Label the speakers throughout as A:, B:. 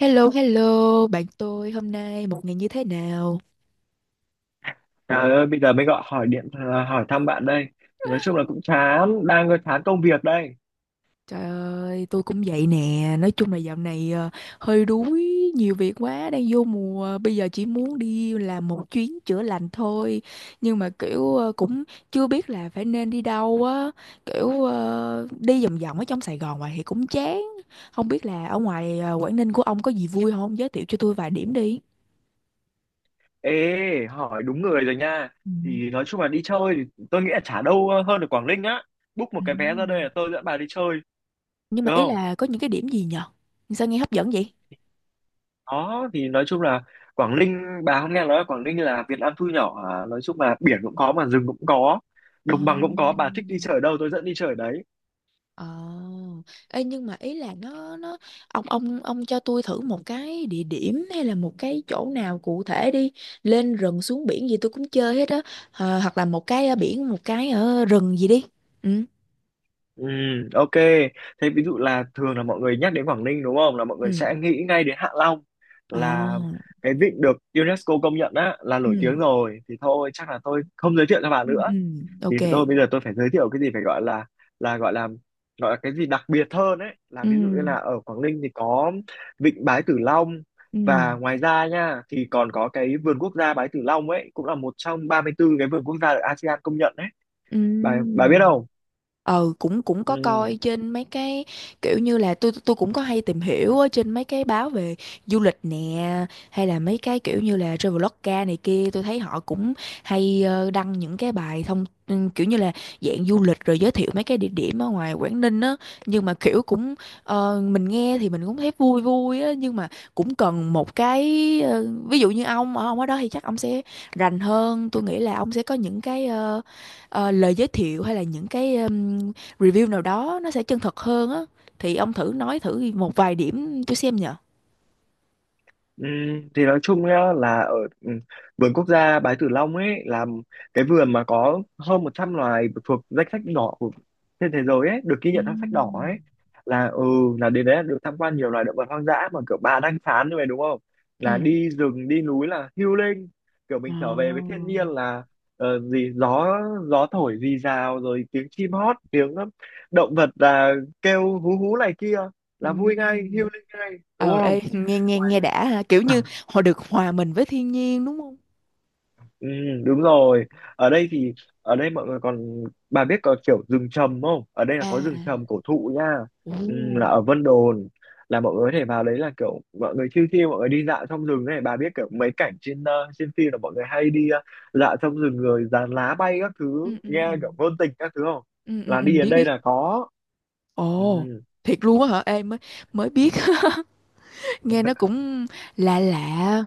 A: Hello, hello, bạn tôi hôm nay một ngày như thế nào?
B: Trời ơi, bây giờ mới gọi hỏi điện à, hỏi thăm bạn đây. Nói chung là cũng chán, đang chán công việc đây.
A: Trời ơi, tôi cũng vậy nè. Nói chung là dạo này hơi đuối, nhiều việc quá, đang vô mùa. Bây giờ chỉ muốn đi làm một chuyến chữa lành thôi. Nhưng mà kiểu cũng chưa biết là phải nên đi đâu á. Kiểu đi vòng vòng ở trong Sài Gòn hoài thì cũng chán. Không biết là ở ngoài Quảng Ninh của ông có gì vui không? Giới thiệu cho tôi vài điểm đi.
B: Ê, hỏi đúng người rồi nha.
A: Ừ.
B: Thì nói chung là đi chơi thì tôi nghĩ là chả đâu hơn ở Quảng Ninh á. Book một
A: Ừ.
B: cái vé ra đây là tôi dẫn bà đi chơi,
A: Nhưng mà
B: được
A: ý
B: không?
A: là có những cái điểm gì nhờ? Sao nghe hấp dẫn vậy?
B: Đó, thì nói chung là Quảng Ninh, bà không nghe nói là Quảng Ninh là Việt Nam thu nhỏ à? Nói chung là biển cũng có mà rừng cũng có,
A: Ờ.
B: đồng bằng cũng có, bà thích đi chơi ở đâu tôi dẫn đi chơi ở đấy.
A: Ờ. Ê, nhưng mà ý là nó ông cho tôi thử một cái địa điểm hay là một cái chỗ nào cụ thể đi, lên rừng xuống biển gì tôi cũng chơi hết á. Ờ, hoặc là một cái ở biển, một cái ở rừng gì đi. Ừ.
B: Ừ, ok. Thế ví dụ là thường là mọi người nhắc đến Quảng Ninh đúng không? Là mọi người
A: Ừ.
B: sẽ nghĩ ngay đến Hạ Long
A: Ờ.
B: là cái vịnh được UNESCO công nhận á là nổi tiếng
A: Ừ.
B: rồi. Thì thôi chắc là tôi không giới thiệu cho bà
A: Ừ. Ừ.
B: nữa. Thì
A: Ok.
B: tôi bây giờ tôi phải giới thiệu cái gì phải gọi là là gọi là cái gì đặc biệt hơn ấy. Là
A: Ừ.
B: ví dụ như là ở Quảng Ninh thì có vịnh Bái Tử Long
A: Ừ.
B: và ngoài ra nha thì còn có cái vườn quốc gia Bái Tử Long ấy cũng là một trong 34 cái vườn quốc gia được ASEAN công nhận ấy.
A: Ừ.
B: Bà biết không?
A: Ờ, cũng cũng có
B: Ừ.
A: coi trên mấy cái kiểu như là tôi cũng có hay tìm hiểu ở trên mấy cái báo về du lịch nè, hay là mấy cái kiểu như là Traveloka này kia, tôi thấy họ cũng hay đăng những cái bài thông kiểu như là dạng du lịch rồi giới thiệu mấy cái địa điểm ở ngoài Quảng Ninh á. Nhưng mà kiểu cũng mình nghe thì mình cũng thấy vui vui á, nhưng mà cũng cần một cái ví dụ như ông ở đó thì chắc ông sẽ rành hơn. Tôi nghĩ là ông sẽ có những cái lời giới thiệu hay là những cái review nào đó nó sẽ chân thật hơn á, thì ông thử nói thử một vài điểm tôi xem nhờ.
B: Ừ, thì nói chung nhá là ở ừ, vườn quốc gia Bái Tử Long ấy là cái vườn mà có hơn 100 loài thuộc danh sách đỏ của trên thế giới ấy, được ghi nhận trong sách đỏ ấy là là đến đấy là được tham quan nhiều loài động vật hoang dã, mà kiểu bà đang phán như vậy đúng không, là
A: Ừ.
B: đi rừng đi núi là healing, kiểu
A: Ờ.
B: mình trở về với thiên nhiên là ờ, gì gió gió thổi rì rào, rồi tiếng chim hót, tiếng động vật là kêu hú hú này kia,
A: Ừ.
B: là vui ngay, healing ngay, đúng
A: Ờ, ê,
B: không?
A: nghe nghe
B: Ngoài-
A: nghe đã ha, kiểu như họ được hòa mình với thiên nhiên đúng không?
B: Ừ, đúng rồi. Ở đây thì ở đây mọi người còn, bà biết có kiểu rừng trầm không? Ở đây là
A: À.
B: có
A: À.
B: rừng trầm cổ thụ nha.
A: Ồ.
B: Ừ, là ở Vân Đồn là mọi người có thể vào đấy, là kiểu mọi người chill chill, mọi người đi dạo trong rừng này, bà biết kiểu mấy cảnh trên trên phim là mọi người hay đi dạo trong rừng rồi dàn lá bay các thứ,
A: Ừ, ừ, ừ.
B: nghe kiểu ngôn tình các thứ không?
A: Ừ, ừ,
B: Là
A: ừ,
B: đi đến
A: biết
B: đây
A: biết.
B: là có. Ừ.
A: Ồ, thiệt luôn á hả? Em mới mới biết. Nghe nó cũng lạ lạ,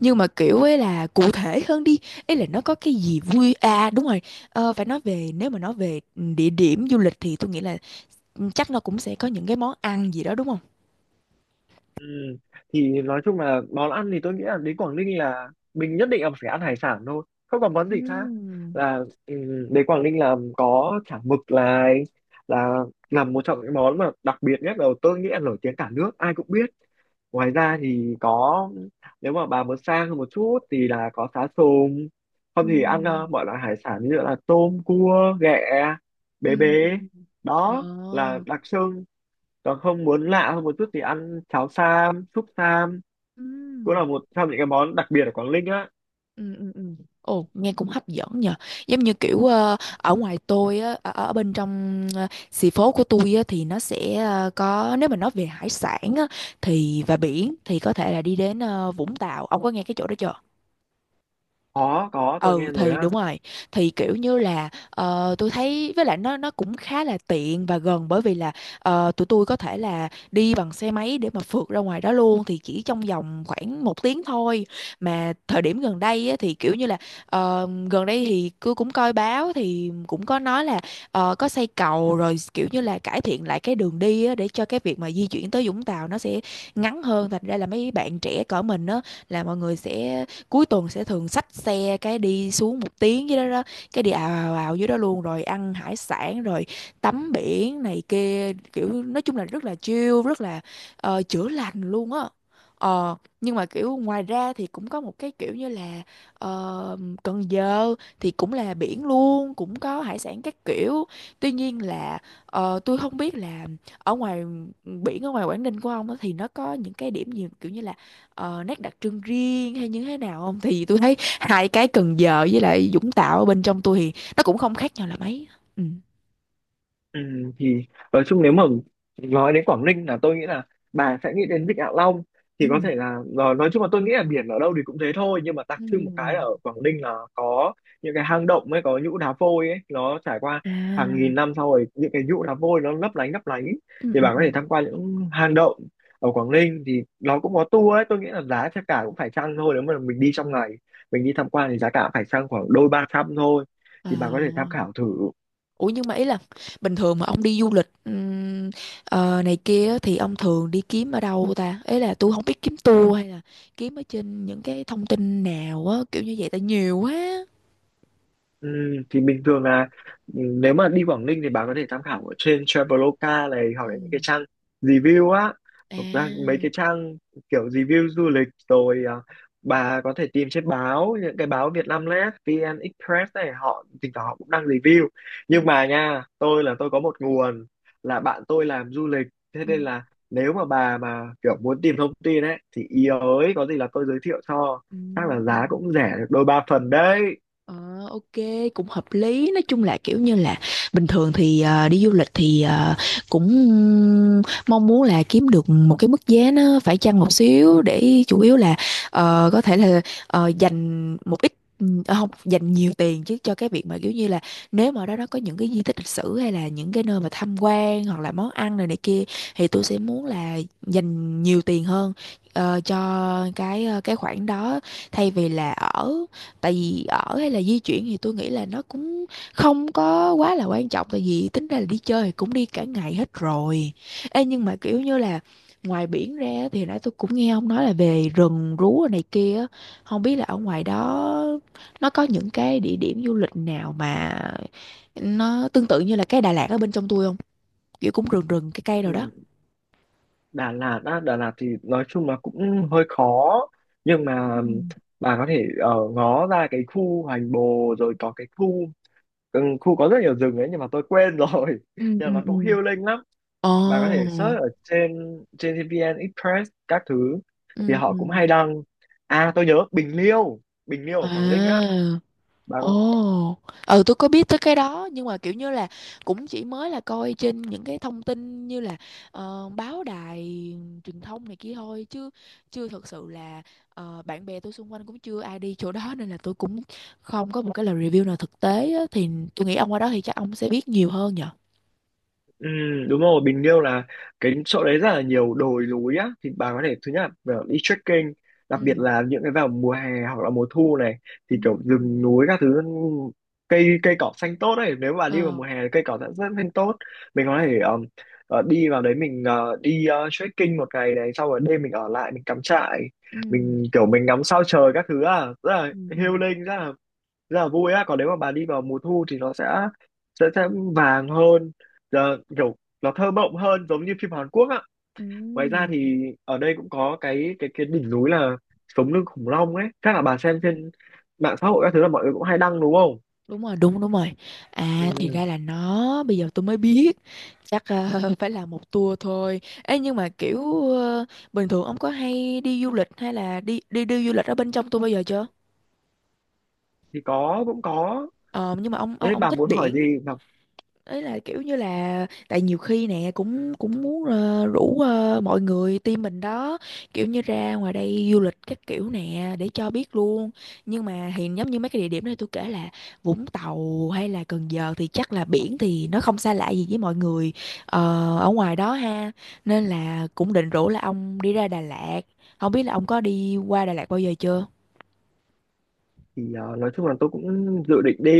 A: nhưng mà kiểu ấy là cụ thể hơn đi, ấy là nó có cái gì vui à, đúng rồi. Ờ, phải nói về, nếu mà nói về địa điểm du lịch thì tôi nghĩ là chắc nó cũng sẽ có những cái món ăn gì đó, đúng không?
B: Ừ. Thì nói chung là món ăn thì tôi nghĩ là đến Quảng Ninh là mình nhất định là phải ăn hải sản thôi, không còn món gì khác,
A: Ừm.
B: là ừ, đến Quảng Ninh là có chả mực, là là một trong những món mà đặc biệt nhất, là tôi nghĩ là nổi tiếng cả nước ai cũng biết. Ngoài ra thì có, nếu mà bà muốn sang hơn một chút thì là có cá sùng, không thì ăn
A: Ừm.
B: mọi loại hải sản như là tôm cua ghẹ
A: Ừ,
B: bế bế,
A: ừ, ừ.
B: đó là
A: Ồ.
B: đặc trưng. Còn không muốn lạ hơn một chút thì ăn cháo sam, súp sam, cũng
A: Ừm.
B: là một trong những cái món đặc biệt ở Quảng Ninh á.
A: Ừ, ừ, ừ. Ồ, nghe cũng hấp dẫn nhờ. Giống như kiểu ở ngoài tôi á, ở bên trong xì phố của tôi á, thì nó sẽ có, nếu mà nói về hải sản á, thì và biển thì có thể là đi đến Vũng Tàu. Ông có nghe cái chỗ đó chưa?
B: Có, tôi
A: Ừ,
B: nghe rồi
A: thì
B: á.
A: đúng rồi, thì kiểu như là tôi thấy với lại nó cũng khá là tiện và gần, bởi vì là tụi tôi có thể là đi bằng xe máy để mà phượt ra ngoài đó luôn, thì chỉ trong vòng khoảng một tiếng thôi. Mà thời điểm gần đây á, thì kiểu như là gần đây thì tôi cũng coi báo thì cũng có nói là có xây cầu rồi, kiểu như là cải thiện lại cái đường đi á, để cho cái việc mà di chuyển tới Vũng Tàu nó sẽ ngắn hơn. Thành ra là mấy bạn trẻ cỡ mình á, là mọi người sẽ cuối tuần sẽ thường xách xe cái đi xuống một tiếng dưới đó đó, cái đi ào ào ào dưới đó luôn, rồi ăn hải sản rồi tắm biển này kia. Kiểu nói chung là rất là chill, rất là chữa lành luôn á. Ờ, nhưng mà kiểu ngoài ra thì cũng có một cái kiểu như là ờ, Cần Giờ thì cũng là biển luôn, cũng có hải sản các kiểu. Tuy nhiên là tôi không biết là ở ngoài biển ở ngoài Quảng Ninh của ông á thì nó có những cái điểm gì kiểu như là nét đặc trưng riêng hay như thế nào không? Thì tôi thấy hai cái Cần Giờ với lại Vũng Tàu ở bên trong tôi thì nó cũng không khác nhau là mấy. Ừ.
B: Ừ, thì nói chung nếu mà nói đến Quảng Ninh là tôi nghĩ là bà sẽ nghĩ đến Vịnh Hạ Long. Thì có
A: Ừ.
B: thể là nói chung là tôi nghĩ là biển ở đâu thì cũng thế thôi, nhưng mà đặc trưng một cái là
A: Ừ.
B: ở Quảng Ninh là có những cái hang động ấy, có nhũ đá vôi ấy, nó trải qua hàng nghìn
A: À.
B: năm sau, rồi những cái nhũ đá vôi nó lấp lánh lấp lánh,
A: Ừ,
B: thì
A: ừ,
B: bà có
A: ừ.
B: thể tham quan những hang động ở Quảng Ninh. Thì nó cũng có tour ấy, tôi nghĩ là giá sẽ cả cũng phải chăng thôi, nếu mà mình đi trong ngày, mình đi tham quan thì giá cả phải chăng, khoảng đôi ba trăm thôi,
A: À,
B: thì bà có thể tham khảo thử.
A: ủa, nhưng mà ý là bình thường mà ông đi du lịch này kia á, thì ông thường đi kiếm ở đâu ta? Ấy là tôi không biết kiếm tour hay là kiếm ở trên những cái thông tin nào á, kiểu như vậy tại nhiều quá.
B: Ừ, thì bình thường là nếu mà đi Quảng Ninh thì bà có thể tham khảo ở trên Traveloka này, hoặc
A: Ừ.
B: là những cái trang review á, hoặc là mấy
A: À.
B: cái trang kiểu review du lịch rồi à, bà có thể tìm trên báo, những cái báo Vietnamnet, VN Express này, họ thỉnh thoảng họ cũng đăng review.
A: Ừ.
B: Nhưng mà nha, tôi là tôi có một nguồn, là bạn tôi làm du lịch, thế
A: Ừ.
B: nên là nếu mà bà mà kiểu muốn tìm thông tin ấy thì ý ới, có gì là tôi giới thiệu cho,
A: Ừ.
B: chắc là giá cũng rẻ được đôi ba phần đấy.
A: Ờ, ok, cũng hợp lý. Nói chung là kiểu như là bình thường thì đi du lịch thì cũng mong muốn là kiếm được một cái mức giá nó phải chăng một xíu, để chủ yếu là có thể là dành một ít, không dành nhiều tiền chứ, cho cái việc mà kiểu như là nếu mà ở đó nó có những cái di tích lịch sử hay là những cái nơi mà tham quan hoặc là món ăn này này kia, thì tôi sẽ muốn là dành nhiều tiền hơn cho cái khoản đó, thay vì là ở. Tại vì ở hay là di chuyển thì tôi nghĩ là nó cũng không có quá là quan trọng, tại vì tính ra là đi chơi thì cũng đi cả ngày hết rồi. Ê, nhưng mà kiểu như là ngoài biển ra á, thì nãy tôi cũng nghe ông nói là về rừng rú rồi này kia á. Không biết là ở ngoài đó nó có những cái địa điểm du lịch nào mà nó tương tự như là cái Đà Lạt ở bên trong tôi không, kiểu cũng rừng rừng cây cây rồi đó.
B: Ừ. Đà Lạt á, Đà Lạt thì nói chung là cũng hơi khó, nhưng
A: Ừ.
B: mà bà có thể ở ngó ra cái khu Hoành Bồ, rồi có cái khu có rất nhiều rừng ấy, nhưng mà tôi quên rồi
A: Ừ.
B: nhưng mà
A: Ừ.
B: nó
A: Ừ.
B: cũng healing lắm.
A: Ồ.
B: Bà có thể search ở trên trên VN Express các thứ, thì
A: Ừ.
B: họ
A: Ừ.
B: cũng hay đăng. À, tôi nhớ Bình Liêu, Bình Liêu ở
A: À.
B: Quảng Ninh á, bà có.
A: Ồ, ừ, tôi có biết tới cái đó nhưng mà kiểu như là cũng chỉ mới là coi trên những cái thông tin như là báo đài truyền thông này kia thôi, chứ chưa thật sự là bạn bè tôi xung quanh cũng chưa ai đi chỗ đó, nên là tôi cũng không có một cái lời review nào thực tế á, thì tôi nghĩ ông qua đó thì chắc ông sẽ biết nhiều hơn nhở.
B: Ừ, đúng rồi, Bình Liêu là cái chỗ đấy rất là nhiều đồi núi á, thì bà có thể thứ nhất là đi trekking, đặc biệt
A: Ừ.
B: là những cái vào mùa hè hoặc là mùa thu này,
A: Ừ.
B: thì kiểu rừng núi các thứ, cây cây cỏ xanh tốt đấy, nếu bà đi vào
A: Ờ.
B: mùa hè thì cây cỏ đã rất xanh tốt. Mình có thể đi vào đấy, mình đi trekking một ngày này, sau rồi đêm mình ở lại, mình cắm trại,
A: Ừ,
B: mình kiểu mình ngắm sao trời các thứ, à rất là
A: ừ, ừ.
B: healing, rất là vui á. Còn nếu mà bà đi vào mùa thu thì nó sẽ vàng hơn, giờ kiểu nó thơ mộng hơn, giống như phim Hàn Quốc á.
A: Ừ.
B: Ngoài ra thì ở đây cũng có cái đỉnh núi là sống lưng khủng long ấy, chắc là bà xem trên mạng xã hội các thứ là mọi người cũng hay đăng đúng không.
A: Đúng rồi, đúng đúng rồi. À, thì
B: Ừ.
A: ra là nó, bây giờ tôi mới biết. Chắc phải là một tour thôi ấy. Nhưng mà kiểu bình thường ông có hay đi du lịch, hay là đi đi đi du lịch ở bên trong tôi bao giờ chưa?
B: Thì có, cũng có.
A: Ờ, nhưng mà ông ông
B: Thế
A: ông
B: bà
A: thích
B: muốn hỏi
A: biển.
B: gì mà?
A: Ấy là kiểu như là tại nhiều khi nè cũng cũng muốn rủ mọi người team mình đó, kiểu như ra ngoài đây du lịch các kiểu nè để cho biết luôn. Nhưng mà thì giống như mấy cái địa điểm này tôi kể là Vũng Tàu hay là Cần Giờ thì chắc là biển thì nó không xa lạ gì với mọi người ờ, ở ngoài đó ha. Nên là cũng định rủ là ông đi ra Đà Lạt, không biết là ông có đi qua Đà Lạt bao giờ chưa.
B: Thì nói chung là tôi cũng dự định đi,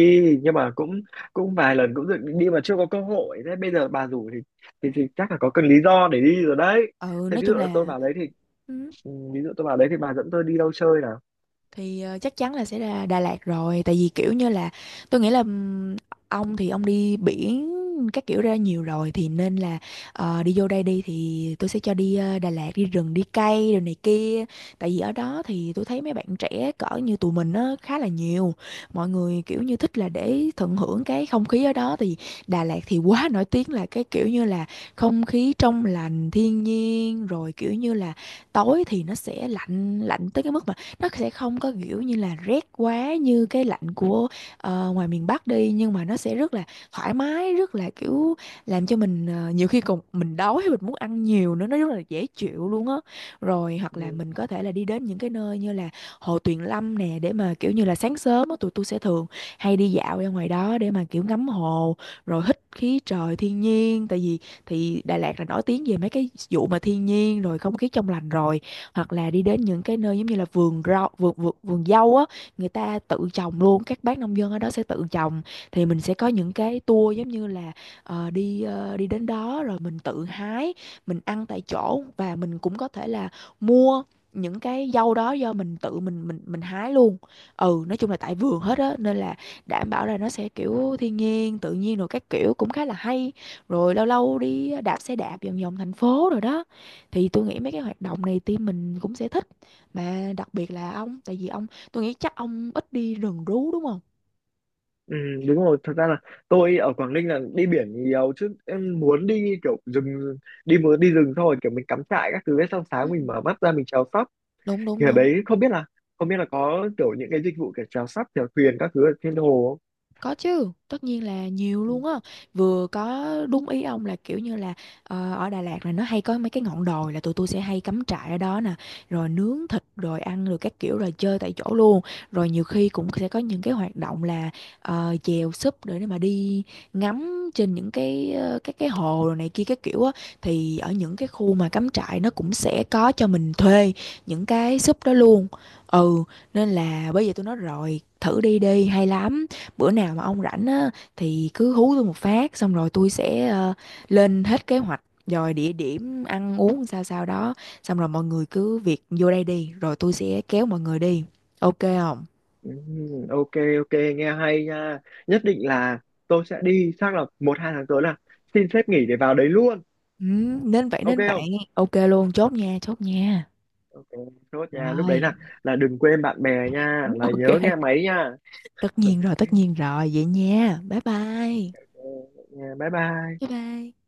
B: nhưng mà cũng cũng vài lần cũng dự định đi mà chưa có cơ hội, thế bây giờ bà rủ thì thì chắc là có cần lý do để đi rồi đấy.
A: Ừ,
B: Thế
A: nói
B: ví dụ
A: chung
B: là tôi
A: là
B: vào đấy thì ví dụ tôi bảo đấy thì bà dẫn tôi đi đâu chơi nào.
A: thì chắc chắn là sẽ ra Đà Lạt rồi, tại vì kiểu như là tôi nghĩ là ông thì ông đi biển các kiểu ra nhiều rồi, thì nên là đi vô đây đi thì tôi sẽ cho đi Đà Lạt, đi rừng đi cây rồi này kia. Tại vì ở đó thì tôi thấy mấy bạn trẻ cỡ như tụi mình nó khá là nhiều, mọi người kiểu như thích là để tận hưởng cái không khí ở đó. Thì Đà Lạt thì quá nổi tiếng là cái kiểu như là không khí trong lành thiên nhiên, rồi kiểu như là tối thì nó sẽ lạnh lạnh tới cái mức mà nó sẽ không có kiểu như là rét quá như cái lạnh của ngoài miền Bắc đi, nhưng mà nó sẽ rất là thoải mái, rất là kiểu làm cho mình nhiều khi còn mình đói hay mình muốn ăn nhiều nữa, nó rất là dễ chịu luôn á. Rồi hoặc là
B: Ừ,
A: mình có thể là đi đến những cái nơi như là Hồ Tuyền Lâm nè, để mà kiểu như là sáng sớm á tụi tôi sẽ thường hay đi dạo ra ngoài đó để mà kiểu ngắm hồ, rồi hít khí trời thiên nhiên. Tại vì thì Đà Lạt là nổi tiếng về mấy cái vụ mà thiên nhiên rồi không khí trong lành rồi. Hoặc là đi đến những cái nơi giống như là vườn rau, vườn vườn, vườn dâu á, người ta tự trồng luôn, các bác nông dân ở đó sẽ tự trồng. Thì mình sẽ có những cái tour giống như là đi đến đó rồi mình tự hái, mình ăn tại chỗ, và mình cũng có thể là mua những cái dâu đó do mình tự mình hái luôn. Ừ, nói chung là tại vườn hết á, nên là đảm bảo là nó sẽ kiểu thiên nhiên tự nhiên rồi các kiểu, cũng khá là hay. Rồi lâu lâu đi đạp xe đạp vòng vòng thành phố rồi đó, thì tôi nghĩ mấy cái hoạt động này team mình cũng sẽ thích, mà đặc biệt là ông, tại vì ông, tôi nghĩ chắc ông ít đi rừng rú đúng không?
B: ừ, đúng rồi, thật ra là tôi ở Quảng Ninh là đi biển nhiều, chứ em muốn đi rừng thôi, kiểu mình cắm trại các thứ ấy, xong
A: Ừ.
B: sáng mình mở mắt ra mình chèo sắp,
A: Đúng đúng
B: thì ở
A: đúng.
B: đấy không biết là có kiểu những cái dịch vụ kiểu chèo sắp chèo thuyền các thứ ở trên hồ không.
A: Có chứ, tất nhiên là nhiều luôn á. Vừa có đúng ý ông là kiểu như là ở Đà Lạt là nó hay có mấy cái ngọn đồi là tụi tôi sẽ hay cắm trại ở đó nè, rồi nướng thịt rồi ăn rồi các kiểu rồi chơi tại chỗ luôn. Rồi nhiều khi cũng sẽ có những cái hoạt động là chèo súp để mà đi ngắm trên những cái các cái hồ rồi này kia các kiểu á. Thì ở những cái khu mà cắm trại nó cũng sẽ có cho mình thuê những cái súp đó luôn. Ừ, nên là bây giờ tôi nói rồi, thử đi đi, hay lắm. Bữa nào mà ông rảnh á thì cứ hú tôi một phát, xong rồi tôi sẽ lên hết kế hoạch, rồi địa điểm ăn uống sao sao đó. Xong rồi mọi người cứ việc vô đây đi, rồi tôi sẽ kéo mọi người đi, ok không?
B: Ừ, ok, ok, nghe hay nha. Nhất định là tôi sẽ đi, chắc là một hai tháng tới là xin phép nghỉ để vào đấy luôn.
A: Ừ, nên vậy
B: Ok
A: nên vậy.
B: không?
A: Ok luôn, chốt nha, chốt nha.
B: Ok, chốt nha. Lúc đấy
A: Rồi.
B: là đừng quên bạn bè nha, là nhớ nghe
A: Ok,
B: máy nha.
A: tất nhiên rồi, tất nhiên rồi, vậy nha, bye bye.
B: Ok, nha. Bye
A: Bye
B: bye.
A: bye.